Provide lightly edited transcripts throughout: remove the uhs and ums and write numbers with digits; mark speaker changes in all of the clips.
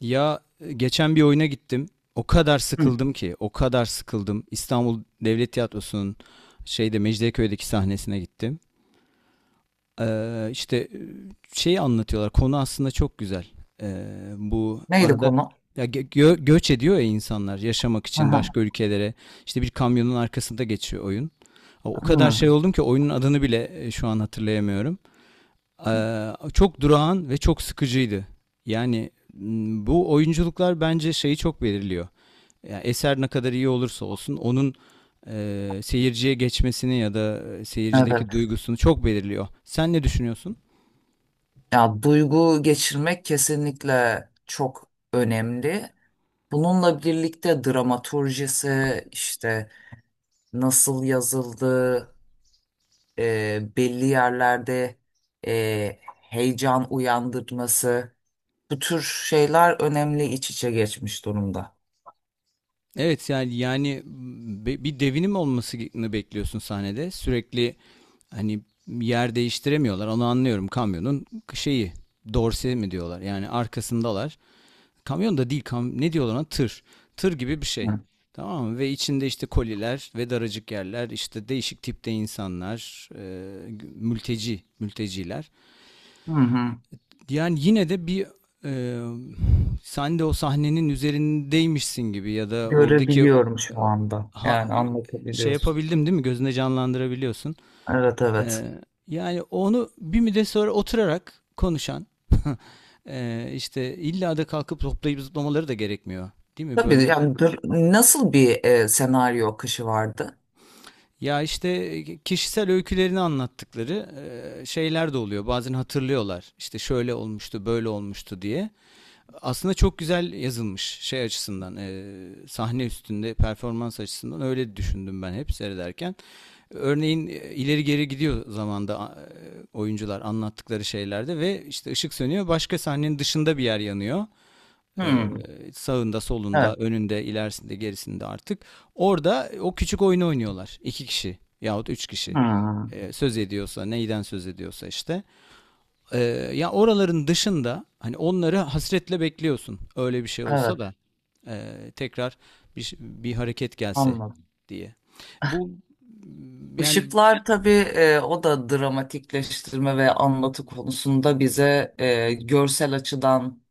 Speaker 1: Ya, geçen bir oyuna gittim. O kadar
Speaker 2: Hı.
Speaker 1: sıkıldım ki, o kadar sıkıldım. İstanbul Devlet Tiyatrosu'nun şeyde Mecidiyeköy'deki sahnesine gittim. İşte şey anlatıyorlar. Konu aslında çok güzel. Ee, Bu
Speaker 2: Neydi
Speaker 1: arada
Speaker 2: konu?
Speaker 1: ya göç ediyor ya insanlar yaşamak
Speaker 2: Hı
Speaker 1: için
Speaker 2: hı.
Speaker 1: başka ülkelere. İşte bir kamyonun arkasında geçiyor oyun. O kadar
Speaker 2: Hı.
Speaker 1: şey oldum ki oyunun adını bile şu an hatırlayamıyorum. Çok durağan ve çok sıkıcıydı. Yani bu oyunculuklar bence şeyi çok belirliyor. Yani eser ne kadar iyi olursa olsun onun seyirciye geçmesini ya da seyircideki
Speaker 2: Evet.
Speaker 1: duygusunu çok belirliyor. Sen ne düşünüyorsun?
Speaker 2: Ya duygu geçirmek kesinlikle çok önemli. Bununla birlikte dramaturjisi işte nasıl yazıldı, belli yerlerde heyecan uyandırması bu tür şeyler önemli iç içe geçmiş durumda.
Speaker 1: Evet, yani bir devinim olmasını bekliyorsun sahnede. Sürekli hani yer değiştiremiyorlar. Onu anlıyorum kamyonun şeyi dorse mi diyorlar. Yani arkasındalar. Kamyon da değil ne diyorlar ona tır. Tır gibi bir şey.
Speaker 2: Hı
Speaker 1: Tamam mı? Ve içinde işte koliler ve daracık yerler, işte değişik tipte insanlar, mülteciler.
Speaker 2: hı. Hı.
Speaker 1: Yani yine de bir e, sen de o sahnenin üzerindeymişsin gibi ya da oradaki
Speaker 2: Görebiliyorum şu anda.
Speaker 1: ha,
Speaker 2: Yani
Speaker 1: e, şey
Speaker 2: anlatabiliyorsun.
Speaker 1: yapabildim değil mi? Gözünde canlandırabiliyorsun.
Speaker 2: Evet,
Speaker 1: Ee,
Speaker 2: evet.
Speaker 1: Yani onu bir müddet sonra oturarak konuşan işte illa da kalkıp toplayıp zıplamaları da gerekmiyor. Değil mi?
Speaker 2: Tabii
Speaker 1: Böyle
Speaker 2: yani nasıl bir senaryo akışı vardı?
Speaker 1: ya işte kişisel öykülerini anlattıkları şeyler de oluyor. Bazen hatırlıyorlar. İşte şöyle olmuştu, böyle olmuştu diye. Aslında çok güzel yazılmış şey açısından, sahne üstünde performans açısından öyle düşündüm ben hep seyrederken. Örneğin ileri geri gidiyor zamanda oyuncular anlattıkları şeylerde ve işte ışık sönüyor, başka sahnenin dışında bir yer yanıyor. E,
Speaker 2: Hmm,
Speaker 1: Sağında, solunda,
Speaker 2: evet.
Speaker 1: önünde, ilerisinde, gerisinde artık. Orada o küçük oyunu oynuyorlar. İki kişi yahut üç kişi.
Speaker 2: Hmm,
Speaker 1: Söz ediyorsa, neyden söz ediyorsa işte. E, Ya oraların dışında hani onları hasretle bekliyorsun. Öyle bir şey olsa
Speaker 2: evet,
Speaker 1: da e, tekrar bir hareket gelse
Speaker 2: anladım.
Speaker 1: diye. Bu yani.
Speaker 2: Işıklar tabii o da dramatikleştirme ve anlatı konusunda bize görsel açıdan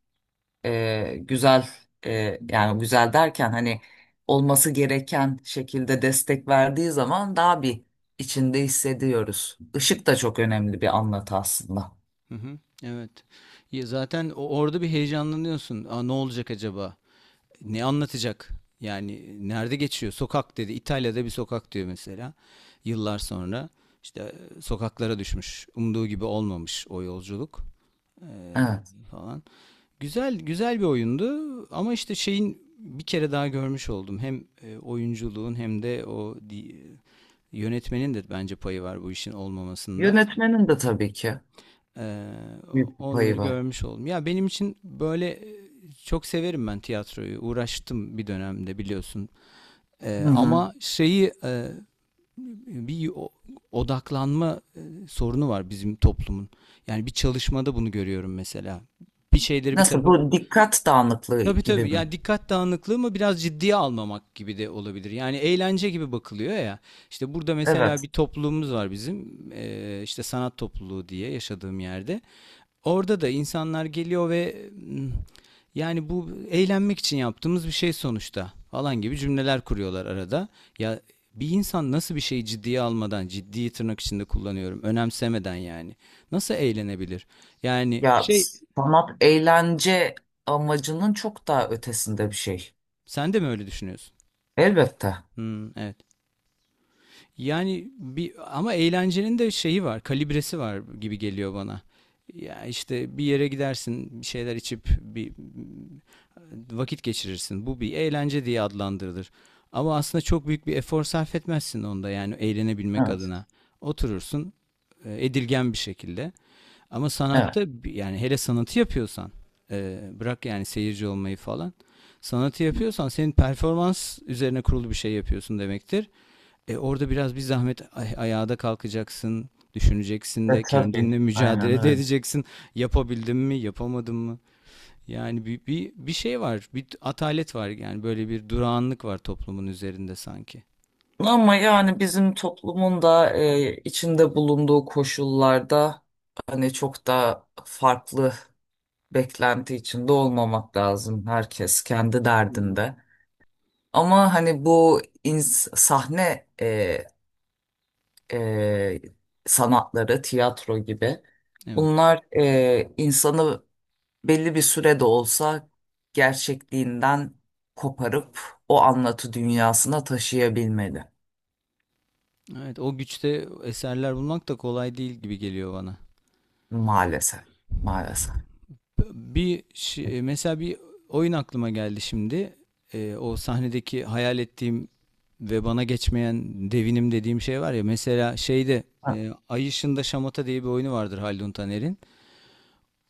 Speaker 2: güzel yani güzel derken hani olması gereken şekilde destek verdiği zaman daha bir içinde hissediyoruz. Işık da çok önemli bir anlatı aslında.
Speaker 1: Hı hı, evet. Ya zaten orada bir heyecanlanıyorsun. Aa, ne olacak acaba? Ne anlatacak? Yani nerede geçiyor? Sokak dedi. İtalya'da bir sokak diyor mesela. Yıllar sonra işte sokaklara düşmüş. Umduğu gibi olmamış o yolculuk e,
Speaker 2: Evet.
Speaker 1: falan. Güzel güzel bir oyundu ama işte şeyin bir kere daha görmüş oldum. Hem oyunculuğun hem de yönetmenin de bence payı var bu işin olmamasında.
Speaker 2: Yönetmenin de tabii ki
Speaker 1: Ee,
Speaker 2: büyük bir payı
Speaker 1: Onları
Speaker 2: var.
Speaker 1: görmüş oldum. Ya benim için böyle, çok severim ben tiyatroyu. Uğraştım bir dönemde biliyorsun.
Speaker 2: Hı hı.
Speaker 1: Ama şeyi, bir odaklanma sorunu var bizim toplumun. Yani bir çalışmada bunu görüyorum mesela. Bir şeyleri bir
Speaker 2: Nasıl,
Speaker 1: tarafa.
Speaker 2: bu dikkat dağınıklığı
Speaker 1: Tabii,
Speaker 2: gibi
Speaker 1: tabii.
Speaker 2: mi?
Speaker 1: Yani dikkat dağınıklığı mı, biraz ciddiye almamak gibi de olabilir. Yani eğlence gibi bakılıyor ya. İşte burada mesela
Speaker 2: Evet.
Speaker 1: bir topluluğumuz var bizim. İşte sanat topluluğu diye, yaşadığım yerde. Orada da insanlar geliyor ve yani bu eğlenmek için yaptığımız bir şey sonuçta falan gibi cümleler kuruyorlar arada. Ya bir insan nasıl bir şeyi ciddiye almadan, ciddiyi tırnak içinde kullanıyorum, önemsemeden, yani nasıl eğlenebilir? Yani
Speaker 2: Ya
Speaker 1: şey,
Speaker 2: sanat eğlence amacının çok daha ötesinde bir şey.
Speaker 1: sen de mi öyle düşünüyorsun?
Speaker 2: Elbette.
Speaker 1: Hmm, evet. Yani bir, ama eğlencenin de şeyi var, kalibresi var gibi geliyor bana. Ya işte bir yere gidersin, bir şeyler içip bir vakit geçirirsin. Bu bir eğlence diye adlandırılır. Ama aslında çok büyük bir efor sarf etmezsin onda, yani eğlenebilmek
Speaker 2: Evet.
Speaker 1: adına. Oturursun edilgen bir şekilde. Ama
Speaker 2: Evet.
Speaker 1: sanatta yani hele sanatı yapıyorsan, bırak yani seyirci olmayı falan. Sanatı yapıyorsan senin performans üzerine kurulu bir şey yapıyorsun demektir. Orada biraz bir zahmet ayağa da kalkacaksın, düşüneceksin
Speaker 2: E
Speaker 1: de,
Speaker 2: tabii.
Speaker 1: kendinle
Speaker 2: Aynen
Speaker 1: mücadele de
Speaker 2: öyle.
Speaker 1: edeceksin. Yapabildim mi, yapamadım mı? Yani bir şey var, bir atalet var, yani böyle bir durağanlık var toplumun üzerinde sanki.
Speaker 2: Ama yani bizim toplumun da içinde bulunduğu koşullarda hani çok da farklı beklenti içinde olmamak lazım. Herkes kendi
Speaker 1: Hmm.
Speaker 2: derdinde. Ama hani bu sahne e, sanatları, tiyatro gibi.
Speaker 1: Evet.
Speaker 2: Bunlar insanı belli bir sürede olsa gerçekliğinden koparıp o anlatı dünyasına taşıyabilmeli.
Speaker 1: Evet, o güçte eserler bulmak da kolay değil gibi geliyor bana.
Speaker 2: Maalesef, maalesef.
Speaker 1: Mesela bir oyun aklıma geldi şimdi. O sahnedeki hayal ettiğim ve bana geçmeyen devinim dediğim şey var ya. Mesela şeyde,
Speaker 2: Ha.
Speaker 1: Ay Işığında Şamata diye bir oyunu vardır Haldun Taner'in.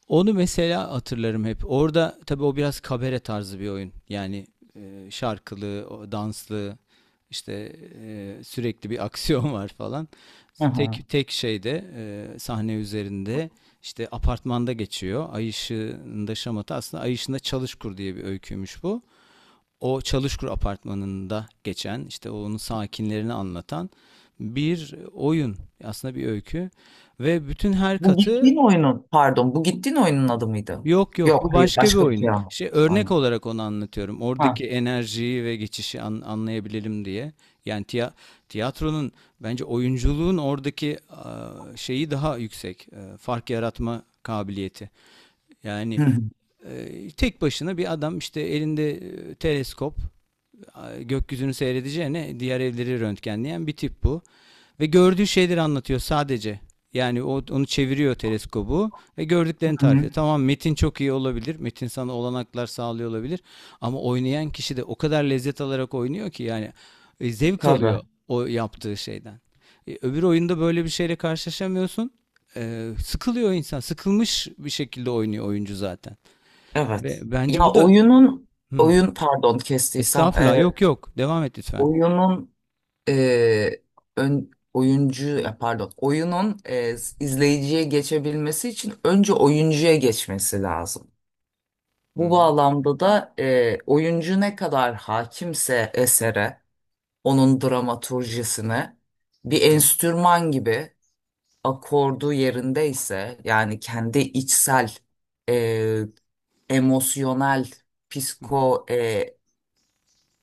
Speaker 1: Onu mesela hatırlarım hep. Orada tabii o biraz kabare tarzı bir oyun. Yani şarkılı, o danslı, işte sürekli bir aksiyon var falan.
Speaker 2: Hı hı.
Speaker 1: Tek tek şeyde, sahne üzerinde, işte apartmanda geçiyor. Ay ışığında şamata aslında Ay ışığında Çalışkur diye bir öyküymüş bu. O Çalışkur apartmanında geçen, işte onun sakinlerini anlatan bir oyun, aslında bir öykü, ve bütün her
Speaker 2: Bu
Speaker 1: katı.
Speaker 2: gittiğin oyunun, pardon, bu gittiğin oyunun adı mıydı?
Speaker 1: Yok, yok,
Speaker 2: Yok,
Speaker 1: bu
Speaker 2: hayır,
Speaker 1: başka bir
Speaker 2: başka bir
Speaker 1: oyun.
Speaker 2: şey ama.
Speaker 1: Şey, örnek
Speaker 2: Aynen.
Speaker 1: olarak onu anlatıyorum.
Speaker 2: Ha.
Speaker 1: Oradaki enerjiyi ve geçişi anlayabilelim diye. Yani tiyatronun bence oyunculuğun oradaki, şeyi daha yüksek. Fark yaratma kabiliyeti. Yani
Speaker 2: Hı hı,
Speaker 1: tek başına bir adam işte elinde teleskop, gökyüzünü seyredeceğine diğer evleri röntgenleyen bir tip bu. Ve gördüğü şeyleri anlatıyor sadece. Yani onu çeviriyor teleskobu ve
Speaker 2: hı
Speaker 1: gördüklerini tarif
Speaker 2: hı.
Speaker 1: ediyor. Tamam, metin çok iyi olabilir. Metin sana olanaklar sağlıyor olabilir. Ama oynayan kişi de o kadar lezzet alarak oynuyor ki, yani zevk
Speaker 2: Tabii,
Speaker 1: alıyor o yaptığı şeyden. Öbür oyunda böyle bir şeyle karşılaşamıyorsun. Sıkılıyor insan. Sıkılmış bir şekilde oynuyor oyuncu zaten. Ve
Speaker 2: evet.
Speaker 1: bence
Speaker 2: Ya
Speaker 1: bu da... Hı.
Speaker 2: pardon kestiysem,
Speaker 1: Estağfurullah, yok yok. Devam et lütfen.
Speaker 2: oyunun e, ön, oyuncu ya pardon oyunun izleyiciye geçebilmesi için önce oyuncuya geçmesi lazım.
Speaker 1: Hı
Speaker 2: Bu
Speaker 1: hı.
Speaker 2: bağlamda da oyuncu ne kadar hakimse esere, onun dramaturjisine bir enstrüman gibi akordu yerindeyse yani kendi içsel e, emosyonel psiko e,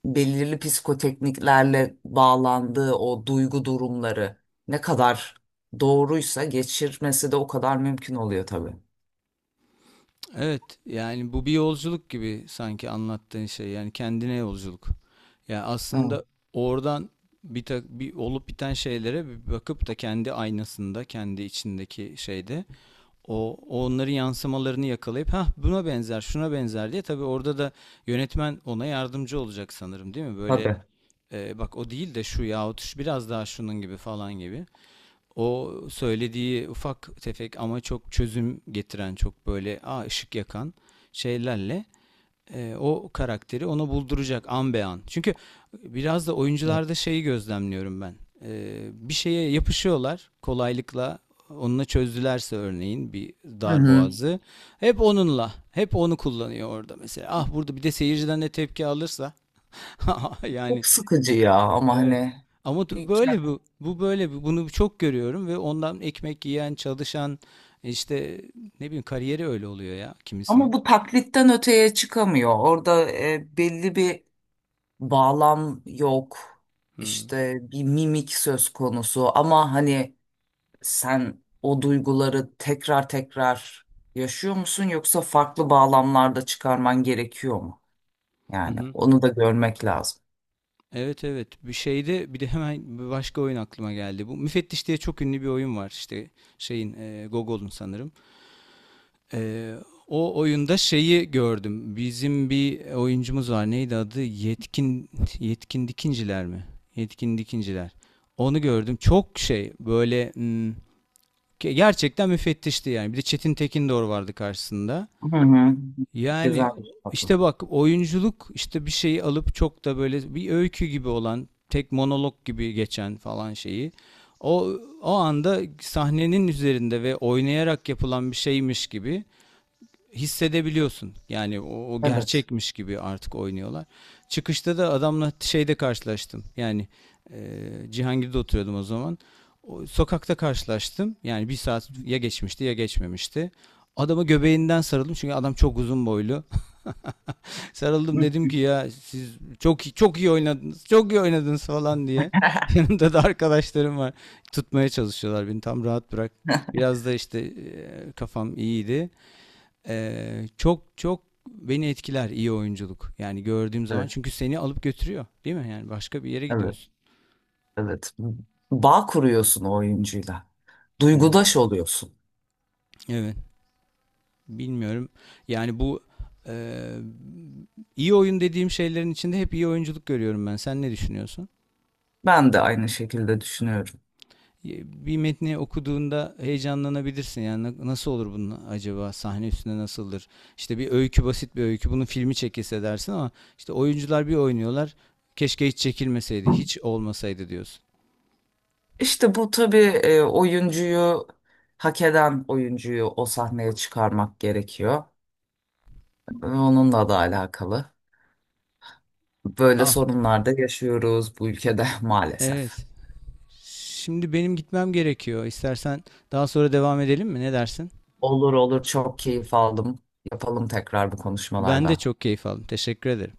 Speaker 2: belirli psikotekniklerle bağlandığı o duygu durumları ne kadar doğruysa geçirmesi de o kadar mümkün oluyor tabii.
Speaker 1: Evet, yani bu bir yolculuk gibi sanki anlattığın şey. Yani kendine yolculuk. Yani
Speaker 2: Evet,
Speaker 1: aslında oradan bir olup biten şeylere bir bakıp da, kendi aynasında, kendi içindeki şeyde onların yansımalarını yakalayıp, ha buna benzer, şuna benzer diye, tabii orada da yönetmen ona yardımcı olacak sanırım, değil mi? Böyle
Speaker 2: tabii.
Speaker 1: bak, o değil de şu, yahut şu biraz daha şunun gibi falan gibi. O söylediği ufak tefek ama çok çözüm getiren, çok böyle, ışık yakan şeylerle o karakteri ona bulduracak an be an. Çünkü biraz da
Speaker 2: Evet.
Speaker 1: oyuncularda şeyi gözlemliyorum ben. Bir şeye yapışıyorlar kolaylıkla. Onunla çözdülerse örneğin bir
Speaker 2: Hı
Speaker 1: dar
Speaker 2: hı.
Speaker 1: boğazı. Hep onunla. Hep onu kullanıyor orada mesela. Ah, burada bir de seyirciden de tepki alırsa. Yani.
Speaker 2: Çok sıkıcı ya ama
Speaker 1: Evet.
Speaker 2: hani
Speaker 1: Ama
Speaker 2: bir ke-
Speaker 1: böyle bu. Bu böyle bu. Bunu çok görüyorum ve ondan ekmek yiyen, çalışan, işte ne bileyim, kariyeri öyle oluyor ya kimisinin.
Speaker 2: ama bu taklitten öteye çıkamıyor. Orada belli bir bağlam yok.
Speaker 1: Hı.
Speaker 2: İşte bir mimik söz konusu ama hani sen o duyguları tekrar tekrar yaşıyor musun, yoksa farklı bağlamlarda çıkarman gerekiyor? Mu?
Speaker 1: Hı
Speaker 2: Yani
Speaker 1: hı.
Speaker 2: onu da görmek lazım.
Speaker 1: Evet, evet. Bir şeyde bir de hemen bir başka oyun aklıma geldi. Bu Müfettiş diye çok ünlü bir oyun var, işte şeyin, Gogol'un sanırım. E, O oyunda şeyi gördüm. Bizim bir oyuncumuz var. Neydi adı? Yetkin. Yetkin Dikinciler mi? Yetkin Dikinciler. Onu gördüm. Çok şey böyle. Hmm. Gerçekten müfettişti yani. Bir de Çetin Tekindor vardı karşısında.
Speaker 2: Hı hı.
Speaker 1: Yani
Speaker 2: Güzel bir tatlı.
Speaker 1: işte bak, oyunculuk işte, bir şeyi alıp çok da böyle bir öykü gibi olan, tek monolog gibi geçen falan şeyi, o o anda sahnenin üzerinde ve oynayarak yapılan bir şeymiş gibi hissedebiliyorsun. Yani o
Speaker 2: Evet.
Speaker 1: gerçekmiş gibi artık oynuyorlar. Çıkışta da adamla şeyde karşılaştım. Yani e, Cihangir'de oturuyordum o zaman. O, sokakta karşılaştım. Yani bir saat ya geçmişti ya geçmemişti. Adama göbeğinden sarıldım çünkü adam çok uzun boylu.
Speaker 2: Hı
Speaker 1: Sarıldım, dedim
Speaker 2: hı.
Speaker 1: ki: "Ya siz çok çok iyi oynadınız. Çok iyi oynadınız" falan diye. Yanımda da arkadaşlarım var. Tutmaya çalışıyorlar beni. Tam, rahat bırak. Biraz da işte kafam iyiydi. Çok çok beni etkiler iyi oyunculuk. Yani gördüğüm zaman,
Speaker 2: Evet,
Speaker 1: çünkü seni alıp götürüyor, değil mi? Yani başka bir yere
Speaker 2: evet,
Speaker 1: gidiyorsun.
Speaker 2: evet. Bağ kuruyorsun o oyuncuyla.
Speaker 1: Evet.
Speaker 2: Duygudaş oluyorsun.
Speaker 1: Evet, bilmiyorum. Yani bu e, iyi oyun dediğim şeylerin içinde hep iyi oyunculuk görüyorum ben. Sen ne düşünüyorsun?
Speaker 2: Ben de aynı şekilde düşünüyorum.
Speaker 1: E, Bir metni okuduğunda heyecanlanabilirsin. Yani nasıl olur bunun acaba? Sahne üstünde nasıldır? İşte bir öykü, basit bir öykü. Bunun filmi çekilse dersin ama işte oyuncular bir oynuyorlar. Keşke hiç çekilmeseydi, hiç olmasaydı diyorsun.
Speaker 2: İşte bu tabii oyuncuyu hak eden oyuncuyu o sahneye çıkarmak gerekiyor. Onunla da alakalı. Böyle
Speaker 1: Ah.
Speaker 2: sorunlar da yaşıyoruz bu ülkede maalesef.
Speaker 1: Evet. Şimdi benim gitmem gerekiyor. İstersen daha sonra devam edelim mi? Ne dersin?
Speaker 2: Olur, olur, çok keyif aldım. Yapalım tekrar bu
Speaker 1: Ben de
Speaker 2: konuşmalardan.
Speaker 1: çok keyif aldım. Teşekkür ederim.